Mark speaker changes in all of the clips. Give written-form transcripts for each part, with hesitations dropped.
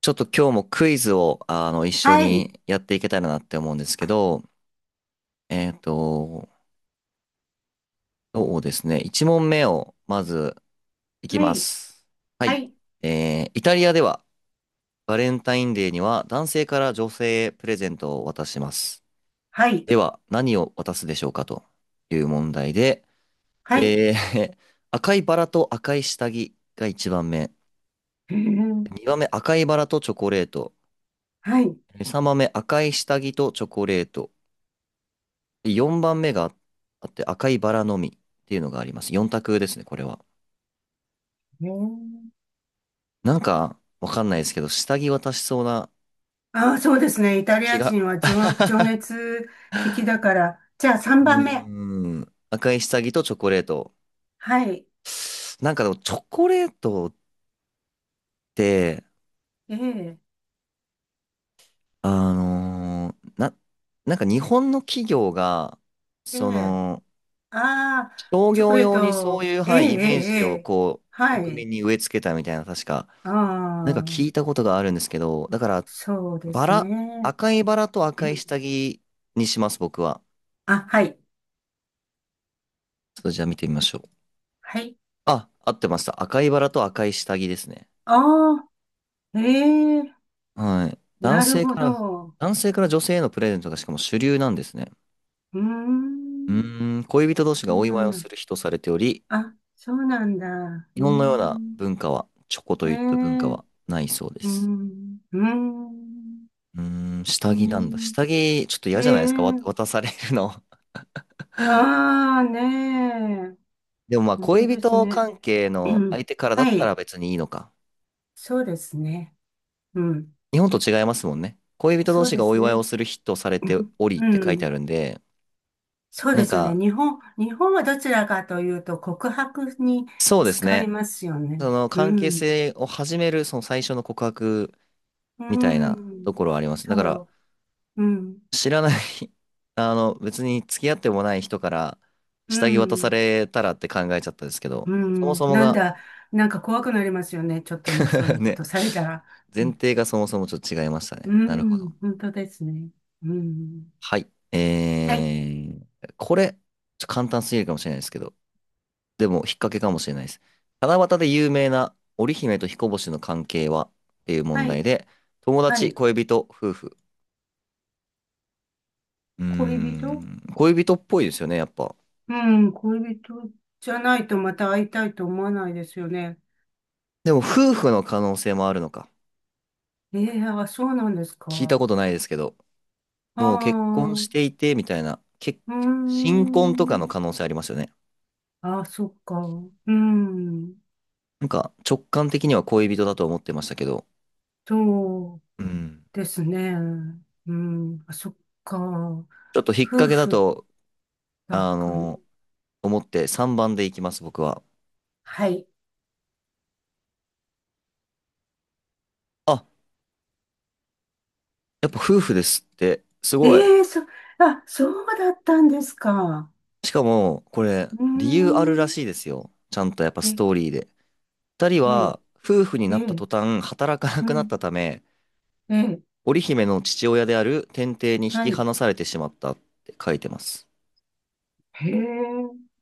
Speaker 1: ちょっと今日もクイズを、一緒
Speaker 2: はい。
Speaker 1: にやっていけたらなって思うんですけど、えっと、そうですね。1問目をまずいき
Speaker 2: は
Speaker 1: ま
Speaker 2: い。
Speaker 1: す。は
Speaker 2: は
Speaker 1: い。
Speaker 2: い。
Speaker 1: イタリアではバレンタインデーには男性から女性へプレゼントを渡します。
Speaker 2: はい。
Speaker 1: では、何を渡すでしょうかという問題で、
Speaker 2: はい。
Speaker 1: えー 赤いバラと赤い下着が1番目。
Speaker 2: へえ。
Speaker 1: 2番目、赤いバラとチョコレート。
Speaker 2: はい。
Speaker 1: 3番目、赤い下着とチョコレート。で、4番目があって、赤いバラの実っていうのがあります。4択ですね、これは。
Speaker 2: へえ。
Speaker 1: なんか、わかんないですけど、下着渡しそうな
Speaker 2: ああ、そうですね。イタリ
Speaker 1: 気
Speaker 2: ア
Speaker 1: が。
Speaker 2: 人は情熱的だから。じゃあ
Speaker 1: う
Speaker 2: 3番目。
Speaker 1: ーん。赤い下着とチョコレート。
Speaker 2: はい。
Speaker 1: なんかでも、チョコレートって、
Speaker 2: ええ、
Speaker 1: あのーな、なんか日本の企業が、
Speaker 2: え
Speaker 1: そ
Speaker 2: え。
Speaker 1: の、
Speaker 2: ああ、
Speaker 1: 商
Speaker 2: チョコ
Speaker 1: 業
Speaker 2: レー
Speaker 1: 用にそう
Speaker 2: ト。
Speaker 1: いう、
Speaker 2: ええ、
Speaker 1: はい、イ
Speaker 2: ええ、
Speaker 1: メー
Speaker 2: え
Speaker 1: ジを
Speaker 2: え。
Speaker 1: こう、
Speaker 2: は
Speaker 1: 国
Speaker 2: い。
Speaker 1: 民に植え付けたみたいな、確か、
Speaker 2: あ
Speaker 1: なんか聞い
Speaker 2: あ、
Speaker 1: たことがあるんですけど、だから、
Speaker 2: そうで
Speaker 1: バ
Speaker 2: す
Speaker 1: ラ、
Speaker 2: ね。
Speaker 1: 赤いバラと赤い 下着にします、僕は。
Speaker 2: あ、はい。
Speaker 1: ちょっとじゃあ見てみましょう。
Speaker 2: はい。
Speaker 1: あ、合ってました。赤いバラと赤い下着ですね。
Speaker 2: ああ、ええ、
Speaker 1: はい。
Speaker 2: なるほど。
Speaker 1: 男性から女性へのプレゼントがしかも主流なんですね。
Speaker 2: うー
Speaker 1: う
Speaker 2: ん、
Speaker 1: ーん、恋人同士
Speaker 2: そ
Speaker 1: がお
Speaker 2: うな
Speaker 1: 祝い
Speaker 2: ん
Speaker 1: を
Speaker 2: だ。
Speaker 1: する日とされており、
Speaker 2: あ、そうなんだ。う
Speaker 1: 日
Speaker 2: ー
Speaker 1: 本のような
Speaker 2: ん。
Speaker 1: 文化は、チョコと
Speaker 2: ええ、
Speaker 1: いっ
Speaker 2: うー
Speaker 1: た文化
Speaker 2: ん。う
Speaker 1: はないそうです。
Speaker 2: ーん。
Speaker 1: うーん、
Speaker 2: うー
Speaker 1: 下着なんだ。
Speaker 2: ん。
Speaker 1: 下着、ちょっと
Speaker 2: え
Speaker 1: 嫌じゃないですか、わ
Speaker 2: え、
Speaker 1: 渡されるの。
Speaker 2: ああー、ねえ。
Speaker 1: でもまあ、
Speaker 2: 本当
Speaker 1: 恋
Speaker 2: です
Speaker 1: 人
Speaker 2: ね。
Speaker 1: 関係
Speaker 2: う
Speaker 1: の
Speaker 2: ん、
Speaker 1: 相手からだっ
Speaker 2: は
Speaker 1: たら
Speaker 2: い。
Speaker 1: 別にいいのか。
Speaker 2: そうですね。うん。
Speaker 1: 日本と違いますもんね。恋人同
Speaker 2: そう
Speaker 1: 士
Speaker 2: で
Speaker 1: がお
Speaker 2: す
Speaker 1: 祝いを
Speaker 2: ね。
Speaker 1: する日とされて おり
Speaker 2: う
Speaker 1: って
Speaker 2: ん、う
Speaker 1: 書いてあ
Speaker 2: ん、
Speaker 1: るんで、
Speaker 2: そう
Speaker 1: な
Speaker 2: で
Speaker 1: ん
Speaker 2: すよね。
Speaker 1: か、
Speaker 2: 日本はどちらかというと告白に
Speaker 1: そうです
Speaker 2: 使い
Speaker 1: ね。
Speaker 2: ますよね。
Speaker 1: その
Speaker 2: う
Speaker 1: 関係
Speaker 2: ん。
Speaker 1: 性を始める、その最初の告白
Speaker 2: う
Speaker 1: みたいな
Speaker 2: ん。
Speaker 1: ところはあります。だから、
Speaker 2: そう。うん。
Speaker 1: 知らない 別に付き合ってもない人から
Speaker 2: う
Speaker 1: 下着渡さ
Speaker 2: ん。
Speaker 1: れたらって考えちゃったんですけど、
Speaker 2: う
Speaker 1: そも
Speaker 2: ん、
Speaker 1: そも
Speaker 2: なん
Speaker 1: が
Speaker 2: だ、なんか怖くなりますよね。ちょっとね、そうい うこ
Speaker 1: ね、
Speaker 2: とされたら。う
Speaker 1: 前
Speaker 2: ん、
Speaker 1: 提がそもそもちょっと違いました
Speaker 2: う
Speaker 1: ね。なるほど。
Speaker 2: ん、本当ですね。うん。
Speaker 1: はい。
Speaker 2: はい、
Speaker 1: これ、ちょっと簡単すぎるかもしれないですけど、でも引っ掛けかもしれないです。七夕で有名な織姫と彦星の関係はっていう問
Speaker 2: は
Speaker 1: 題
Speaker 2: い、
Speaker 1: で、友
Speaker 2: は
Speaker 1: 達、
Speaker 2: い。
Speaker 1: 恋人、夫婦。うー
Speaker 2: 恋人、
Speaker 1: ん、恋人っぽいですよね、やっぱ。
Speaker 2: うん、恋人じゃないとまた会いたいと思わないですよね。
Speaker 1: でも夫婦の可能性もあるのか。
Speaker 2: ええ、あ、そうなんです
Speaker 1: 聞いた
Speaker 2: か。
Speaker 1: ことないですけど、
Speaker 2: あ
Speaker 1: もう結婚
Speaker 2: あ、
Speaker 1: し
Speaker 2: う
Speaker 1: ていてみたいな、結
Speaker 2: ー
Speaker 1: 新婚とかの
Speaker 2: ん。
Speaker 1: 可能性ありますよね。
Speaker 2: あ、そっか。うん、
Speaker 1: なんか直感的には恋人だと思ってましたけど、
Speaker 2: そう
Speaker 1: うん。
Speaker 2: ですね。うん、あ、そっか。
Speaker 1: ちょっと引っ
Speaker 2: 夫
Speaker 1: 掛けだ
Speaker 2: 婦
Speaker 1: と、
Speaker 2: だ
Speaker 1: あ
Speaker 2: から。
Speaker 1: の思って3番でいきます、僕は。
Speaker 2: はい。
Speaker 1: あ、やっぱ夫婦ですって、すごい。
Speaker 2: ええそ、あ、そうだったんですか。
Speaker 1: しかも、これ、
Speaker 2: うー
Speaker 1: 理由あるら
Speaker 2: ん。
Speaker 1: しいですよ。ちゃんとやっぱス
Speaker 2: え、
Speaker 1: トーリーで。二人
Speaker 2: ええ、
Speaker 1: は、夫婦に
Speaker 2: え
Speaker 1: なった
Speaker 2: え、
Speaker 1: 途端、働かな
Speaker 2: う
Speaker 1: くなっ
Speaker 2: ん、
Speaker 1: たため、
Speaker 2: ええ、
Speaker 1: 織姫の父親である天帝に引
Speaker 2: は
Speaker 1: き
Speaker 2: い。
Speaker 1: 離されてしまったって書いてます。
Speaker 2: へえ、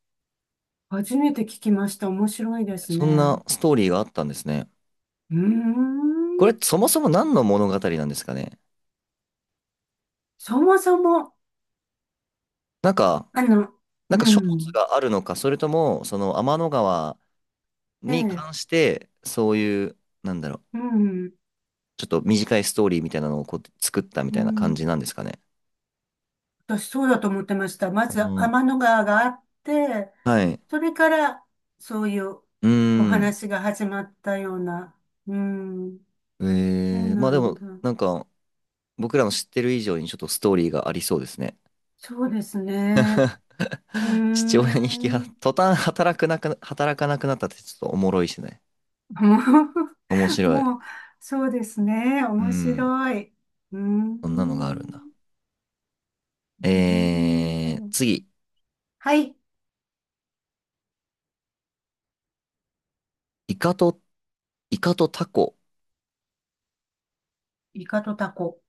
Speaker 2: 初めて聞きました。面白いです
Speaker 1: そんな
Speaker 2: ね。
Speaker 1: ストーリーがあったんですね。
Speaker 2: うー
Speaker 1: こ
Speaker 2: ん。
Speaker 1: れ、そもそも何の物語なんですかね。
Speaker 2: そもそも、
Speaker 1: なんか、
Speaker 2: あの、
Speaker 1: な
Speaker 2: う
Speaker 1: んか書物
Speaker 2: ん、
Speaker 1: があるのか、それとも、その天の川
Speaker 2: え
Speaker 1: に
Speaker 2: え、
Speaker 1: 関して、そういう、なんだろう、
Speaker 2: うん、
Speaker 1: ちょっと短いストーリーみたいなのをこう作ったみ
Speaker 2: う
Speaker 1: たいな感じなん
Speaker 2: ん。
Speaker 1: ですかね。
Speaker 2: 私そうだと思ってました。まず
Speaker 1: うん。
Speaker 2: 天の川があって、
Speaker 1: はい。
Speaker 2: それからそういう
Speaker 1: うー
Speaker 2: お
Speaker 1: ん。
Speaker 2: 話が始まったような。うん、そう
Speaker 1: まあ
Speaker 2: な
Speaker 1: で
Speaker 2: ん
Speaker 1: も、
Speaker 2: だ。
Speaker 1: なんか、僕らの知ってる以上にちょっとストーリーがありそうですね。
Speaker 2: そうですね。うー
Speaker 1: 父親に引きは、
Speaker 2: ん。
Speaker 1: 途端働くなく、働かなくなったってちょっとおもろいしね。
Speaker 2: も
Speaker 1: 面
Speaker 2: う、
Speaker 1: 白い。
Speaker 2: もう、そうですね。
Speaker 1: う
Speaker 2: 面
Speaker 1: ん。
Speaker 2: 白い。うー
Speaker 1: そんなのがあるんだ。
Speaker 2: ん。ねえ。
Speaker 1: 次。
Speaker 2: はい。
Speaker 1: イカと、イカとタコ。
Speaker 2: イカとタコ。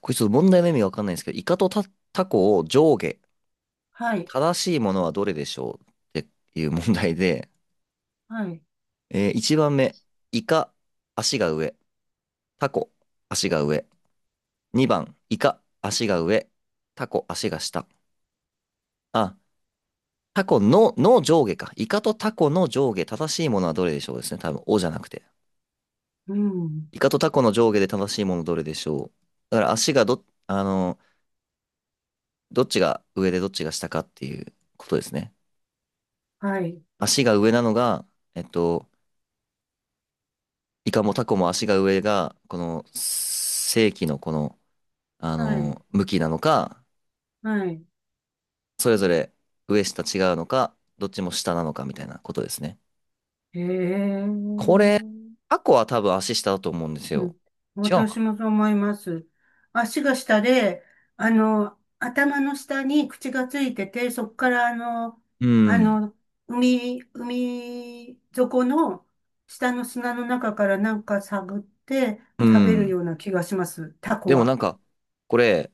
Speaker 1: これちょっと問題の意味がわかんないんですけど、イカとタ、タコを上下。
Speaker 2: はい。
Speaker 1: 正しいものはどれでしょうっていう問題で、
Speaker 2: はい。
Speaker 1: 1番目。イカ、足が上。タコ、足が上。2番、イカ、足が上。タコ、足が下。あ、タコの、の上下か。イカとタコの上下、正しいものはどれでしょうですね。多分、おじゃなくて。
Speaker 2: うん。
Speaker 1: イカとタコの上下で正しいものどれでしょう。だから足がど、どっちが上でどっちが下かっていうことですね。
Speaker 2: はい。
Speaker 1: 足が上なのが、えっと、イカもタコも足が上が、この正規のこの、
Speaker 2: はい。
Speaker 1: 向きなのか、
Speaker 2: はい。
Speaker 1: それぞれ上下違うのか、どっちも下なのかみたいなことですね。
Speaker 2: へえ。
Speaker 1: これ、タコは多分足下だと思うんです
Speaker 2: う
Speaker 1: よ。
Speaker 2: ん、
Speaker 1: 違うの
Speaker 2: 私
Speaker 1: か
Speaker 2: もそう思います。足が下で、あの、頭の下に口がついてて、そこからあの、
Speaker 1: なう
Speaker 2: あ
Speaker 1: ん。
Speaker 2: の、海底の下の砂の中からなんか探って
Speaker 1: う
Speaker 2: 食べる
Speaker 1: ん。
Speaker 2: ような気がします。タコ
Speaker 1: でもな
Speaker 2: は。
Speaker 1: んか、これ、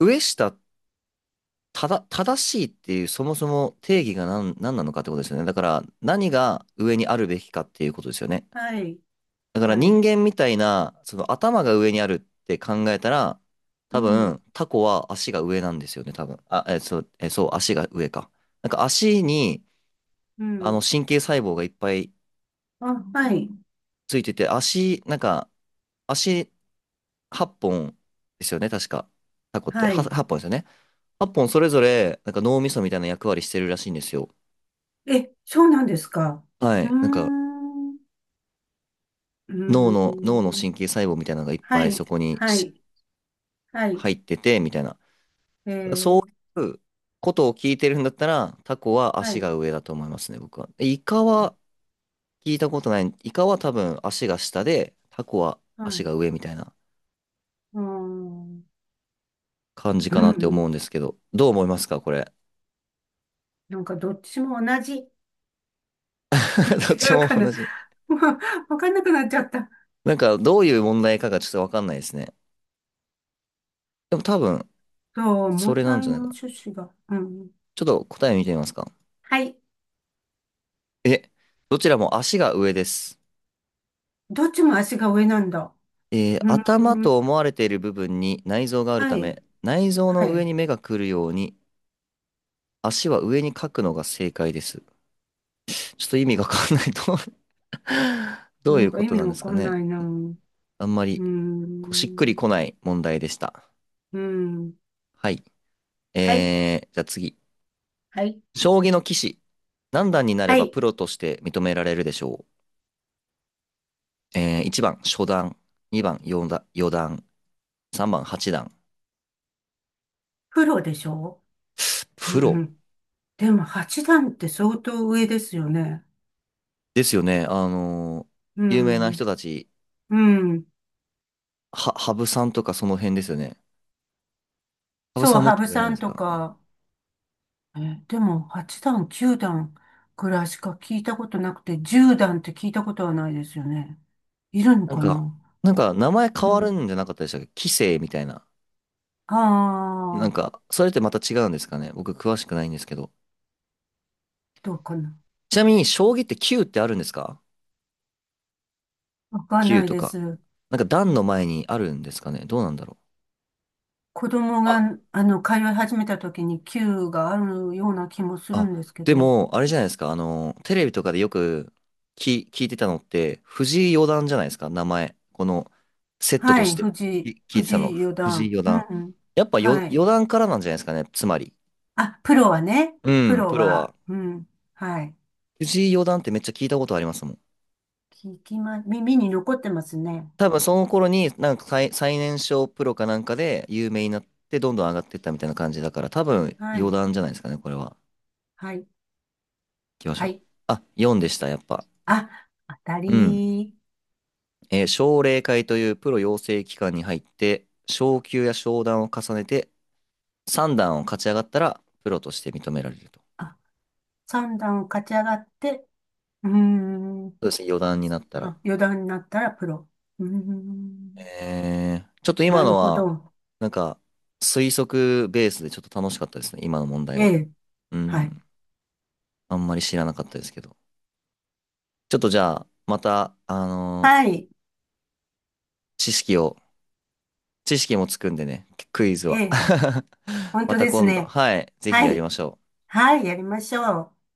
Speaker 1: 上下、ただ、正しいっていう、そもそも定義が何、何なのかってことですよね。だから、何が上にあるべきかっていうことですよね。
Speaker 2: はい、
Speaker 1: だから
Speaker 2: は
Speaker 1: 人
Speaker 2: い。
Speaker 1: 間みたいな、その頭が上にあるって考えたら、
Speaker 2: う
Speaker 1: 多
Speaker 2: ん、
Speaker 1: 分、タコは足が上なんですよね、多分。あ、え、そう、え、そう、足が上か。なんか足に、
Speaker 2: うん。
Speaker 1: 神経細胞がいっぱい
Speaker 2: あ、はい、
Speaker 1: ついてて、足、なんか、足8本ですよね、確か。タコって。
Speaker 2: は
Speaker 1: は
Speaker 2: い。
Speaker 1: 8本ですよね。8本それぞれ、なんか脳みそみたいな役割してるらしいんですよ。
Speaker 2: え、そうなんですか。
Speaker 1: は
Speaker 2: うー
Speaker 1: い。なんか、
Speaker 2: ん、うー
Speaker 1: 脳の
Speaker 2: ん。
Speaker 1: 神経細胞みたいなのがいっ
Speaker 2: は
Speaker 1: ぱいそ
Speaker 2: い、
Speaker 1: こに
Speaker 2: は
Speaker 1: し
Speaker 2: い、はい。
Speaker 1: 入ってて、みたいな。
Speaker 2: え
Speaker 1: そ
Speaker 2: ー、
Speaker 1: ういうことを聞いてるんだったら、タコは
Speaker 2: は
Speaker 1: 足
Speaker 2: い。
Speaker 1: が上だと思いますね、僕は。イカ
Speaker 2: あ、
Speaker 1: は聞いたことない。イカは多分足が下で、タコは
Speaker 2: は
Speaker 1: 足
Speaker 2: い。
Speaker 1: が上みたいな
Speaker 2: うーん。
Speaker 1: 感じ
Speaker 2: う
Speaker 1: か
Speaker 2: ん、
Speaker 1: な
Speaker 2: う
Speaker 1: って思うん
Speaker 2: ん。
Speaker 1: ですけど、どう思いますか、これ。
Speaker 2: なんかどっちも同じ。
Speaker 1: どっ
Speaker 2: 違
Speaker 1: ち
Speaker 2: う
Speaker 1: も
Speaker 2: かな。
Speaker 1: 同じ。
Speaker 2: もうわかんなくなっちゃった。
Speaker 1: なんか、どういう問題かがちょっとわかんないですね。でも多分、
Speaker 2: そう、
Speaker 1: それ
Speaker 2: 問
Speaker 1: なん
Speaker 2: 題
Speaker 1: じゃ
Speaker 2: の
Speaker 1: ないかな。
Speaker 2: 趣旨が。うん。
Speaker 1: ちょっと答え見てみますか。
Speaker 2: はい。
Speaker 1: え、どちらも足が上です。
Speaker 2: どっちも足が上なんだ。うん。
Speaker 1: 頭と思われている部分に内臓がある
Speaker 2: は
Speaker 1: た
Speaker 2: い。
Speaker 1: め、内臓
Speaker 2: は
Speaker 1: の上
Speaker 2: い。
Speaker 1: に目が来るように、足は上に書くのが正解です。ちょっと意味がわかんないと ど
Speaker 2: な
Speaker 1: うい
Speaker 2: ん
Speaker 1: う
Speaker 2: か
Speaker 1: こ
Speaker 2: 意
Speaker 1: と
Speaker 2: 味
Speaker 1: なんで
Speaker 2: わ
Speaker 1: す
Speaker 2: か
Speaker 1: か
Speaker 2: ん
Speaker 1: ね。
Speaker 2: ないな。う
Speaker 1: あんまり、こうしっくり
Speaker 2: ん。
Speaker 1: こない問題でした。
Speaker 2: うん。
Speaker 1: はい。
Speaker 2: はい。
Speaker 1: じゃあ次。
Speaker 2: はい。
Speaker 1: 将棋の棋士。何段になれ
Speaker 2: は
Speaker 1: ば
Speaker 2: い。
Speaker 1: プロとして認められるでしょう。1番、初段。2番、四段、四段。3番8段。
Speaker 2: プロでしょ、う
Speaker 1: プロ
Speaker 2: ん。でも八段って相当上ですよね。
Speaker 1: ですよね。
Speaker 2: う
Speaker 1: 有名な
Speaker 2: ん。
Speaker 1: 人たち、
Speaker 2: うん。
Speaker 1: は、羽生さんとかその辺ですよね。羽生
Speaker 2: そう、
Speaker 1: さんもっ
Speaker 2: 羽
Speaker 1: と
Speaker 2: 生
Speaker 1: 上な
Speaker 2: さ
Speaker 1: んで
Speaker 2: ん
Speaker 1: す
Speaker 2: と
Speaker 1: か
Speaker 2: か、え、でも、8段、9段くらいしか聞いたことなくて、10段って聞いたことはないですよね。いるの
Speaker 1: なん
Speaker 2: か
Speaker 1: か、
Speaker 2: な、
Speaker 1: なんか名前変
Speaker 2: う
Speaker 1: わる
Speaker 2: ん。
Speaker 1: んじゃなかったでしたっけ棋聖みたいな。な
Speaker 2: あ
Speaker 1: ん
Speaker 2: あ、
Speaker 1: か、それってまた違うんですかね。僕詳しくないんですけど。
Speaker 2: どうかな。
Speaker 1: ちなみに、将棋って9ってあるんですか？
Speaker 2: わかんな
Speaker 1: 9
Speaker 2: い
Speaker 1: と
Speaker 2: で
Speaker 1: か。
Speaker 2: す。
Speaker 1: なんか段の前にあるんですかね。どうなんだろ
Speaker 2: 子供
Speaker 1: う。
Speaker 2: が、
Speaker 1: あ、
Speaker 2: あの、通い始めた時に9があるような気もする
Speaker 1: あ、
Speaker 2: んですけ
Speaker 1: で
Speaker 2: ど。
Speaker 1: も、あれじゃないですか。テレビとかでよく聞、聞いてたのって、藤井四段じゃないですか、名前。この、セット
Speaker 2: は
Speaker 1: とし
Speaker 2: い、
Speaker 1: て、き聞いて
Speaker 2: 藤
Speaker 1: たの、
Speaker 2: 井
Speaker 1: ふ
Speaker 2: 四
Speaker 1: 藤井
Speaker 2: 段。
Speaker 1: 四
Speaker 2: う
Speaker 1: 段。
Speaker 2: ん、うん。
Speaker 1: やっぱよ、
Speaker 2: はい。
Speaker 1: 四段からなんじゃないですかね、つまり。
Speaker 2: あ、プロはね。
Speaker 1: う
Speaker 2: プ
Speaker 1: ん、
Speaker 2: ロ
Speaker 1: プロ
Speaker 2: は、
Speaker 1: は。
Speaker 2: うん。はい。
Speaker 1: 藤井四段ってめっちゃ聞いたことありますもん。
Speaker 2: 聞きま、耳に残ってますね。
Speaker 1: 多分その頃に、なんか最、最年少プロかなんかで有名になって、どんどん上がっていったみたいな感じだから、多分
Speaker 2: は
Speaker 1: 四
Speaker 2: い。
Speaker 1: 段じゃないですかね、これは。行
Speaker 2: はい。
Speaker 1: きまし
Speaker 2: は
Speaker 1: ょう。
Speaker 2: い。
Speaker 1: あ、4でした、やっぱ。
Speaker 2: あ、当た
Speaker 1: うん。
Speaker 2: り、
Speaker 1: 奨励会というプロ養成機関に入って、昇級や昇段を重ねて、3段を勝ち上がったら、プロとして認められると。そ
Speaker 2: あ、三段を勝ち上がって、うーん、
Speaker 1: うですね、4段になったら。
Speaker 2: あ、四段になったらプロ。うーん、
Speaker 1: ちょっと
Speaker 2: な
Speaker 1: 今
Speaker 2: る
Speaker 1: の
Speaker 2: ほ
Speaker 1: は、
Speaker 2: ど。
Speaker 1: なんか、推測ベースでちょっと楽しかったですね、今の問題
Speaker 2: え
Speaker 1: は。
Speaker 2: え、
Speaker 1: う
Speaker 2: はい。
Speaker 1: ん、あんまり知らなかったですけど。ちょっとじゃあ、また、
Speaker 2: はい、
Speaker 1: 知識を、知識もつくんでね、クイズ
Speaker 2: え
Speaker 1: は。
Speaker 2: え、本
Speaker 1: ま
Speaker 2: 当
Speaker 1: た
Speaker 2: です
Speaker 1: 今度、
Speaker 2: ね。
Speaker 1: はい、ぜひ
Speaker 2: は
Speaker 1: やり
Speaker 2: い、
Speaker 1: ましょう。
Speaker 2: はい、やりましょう。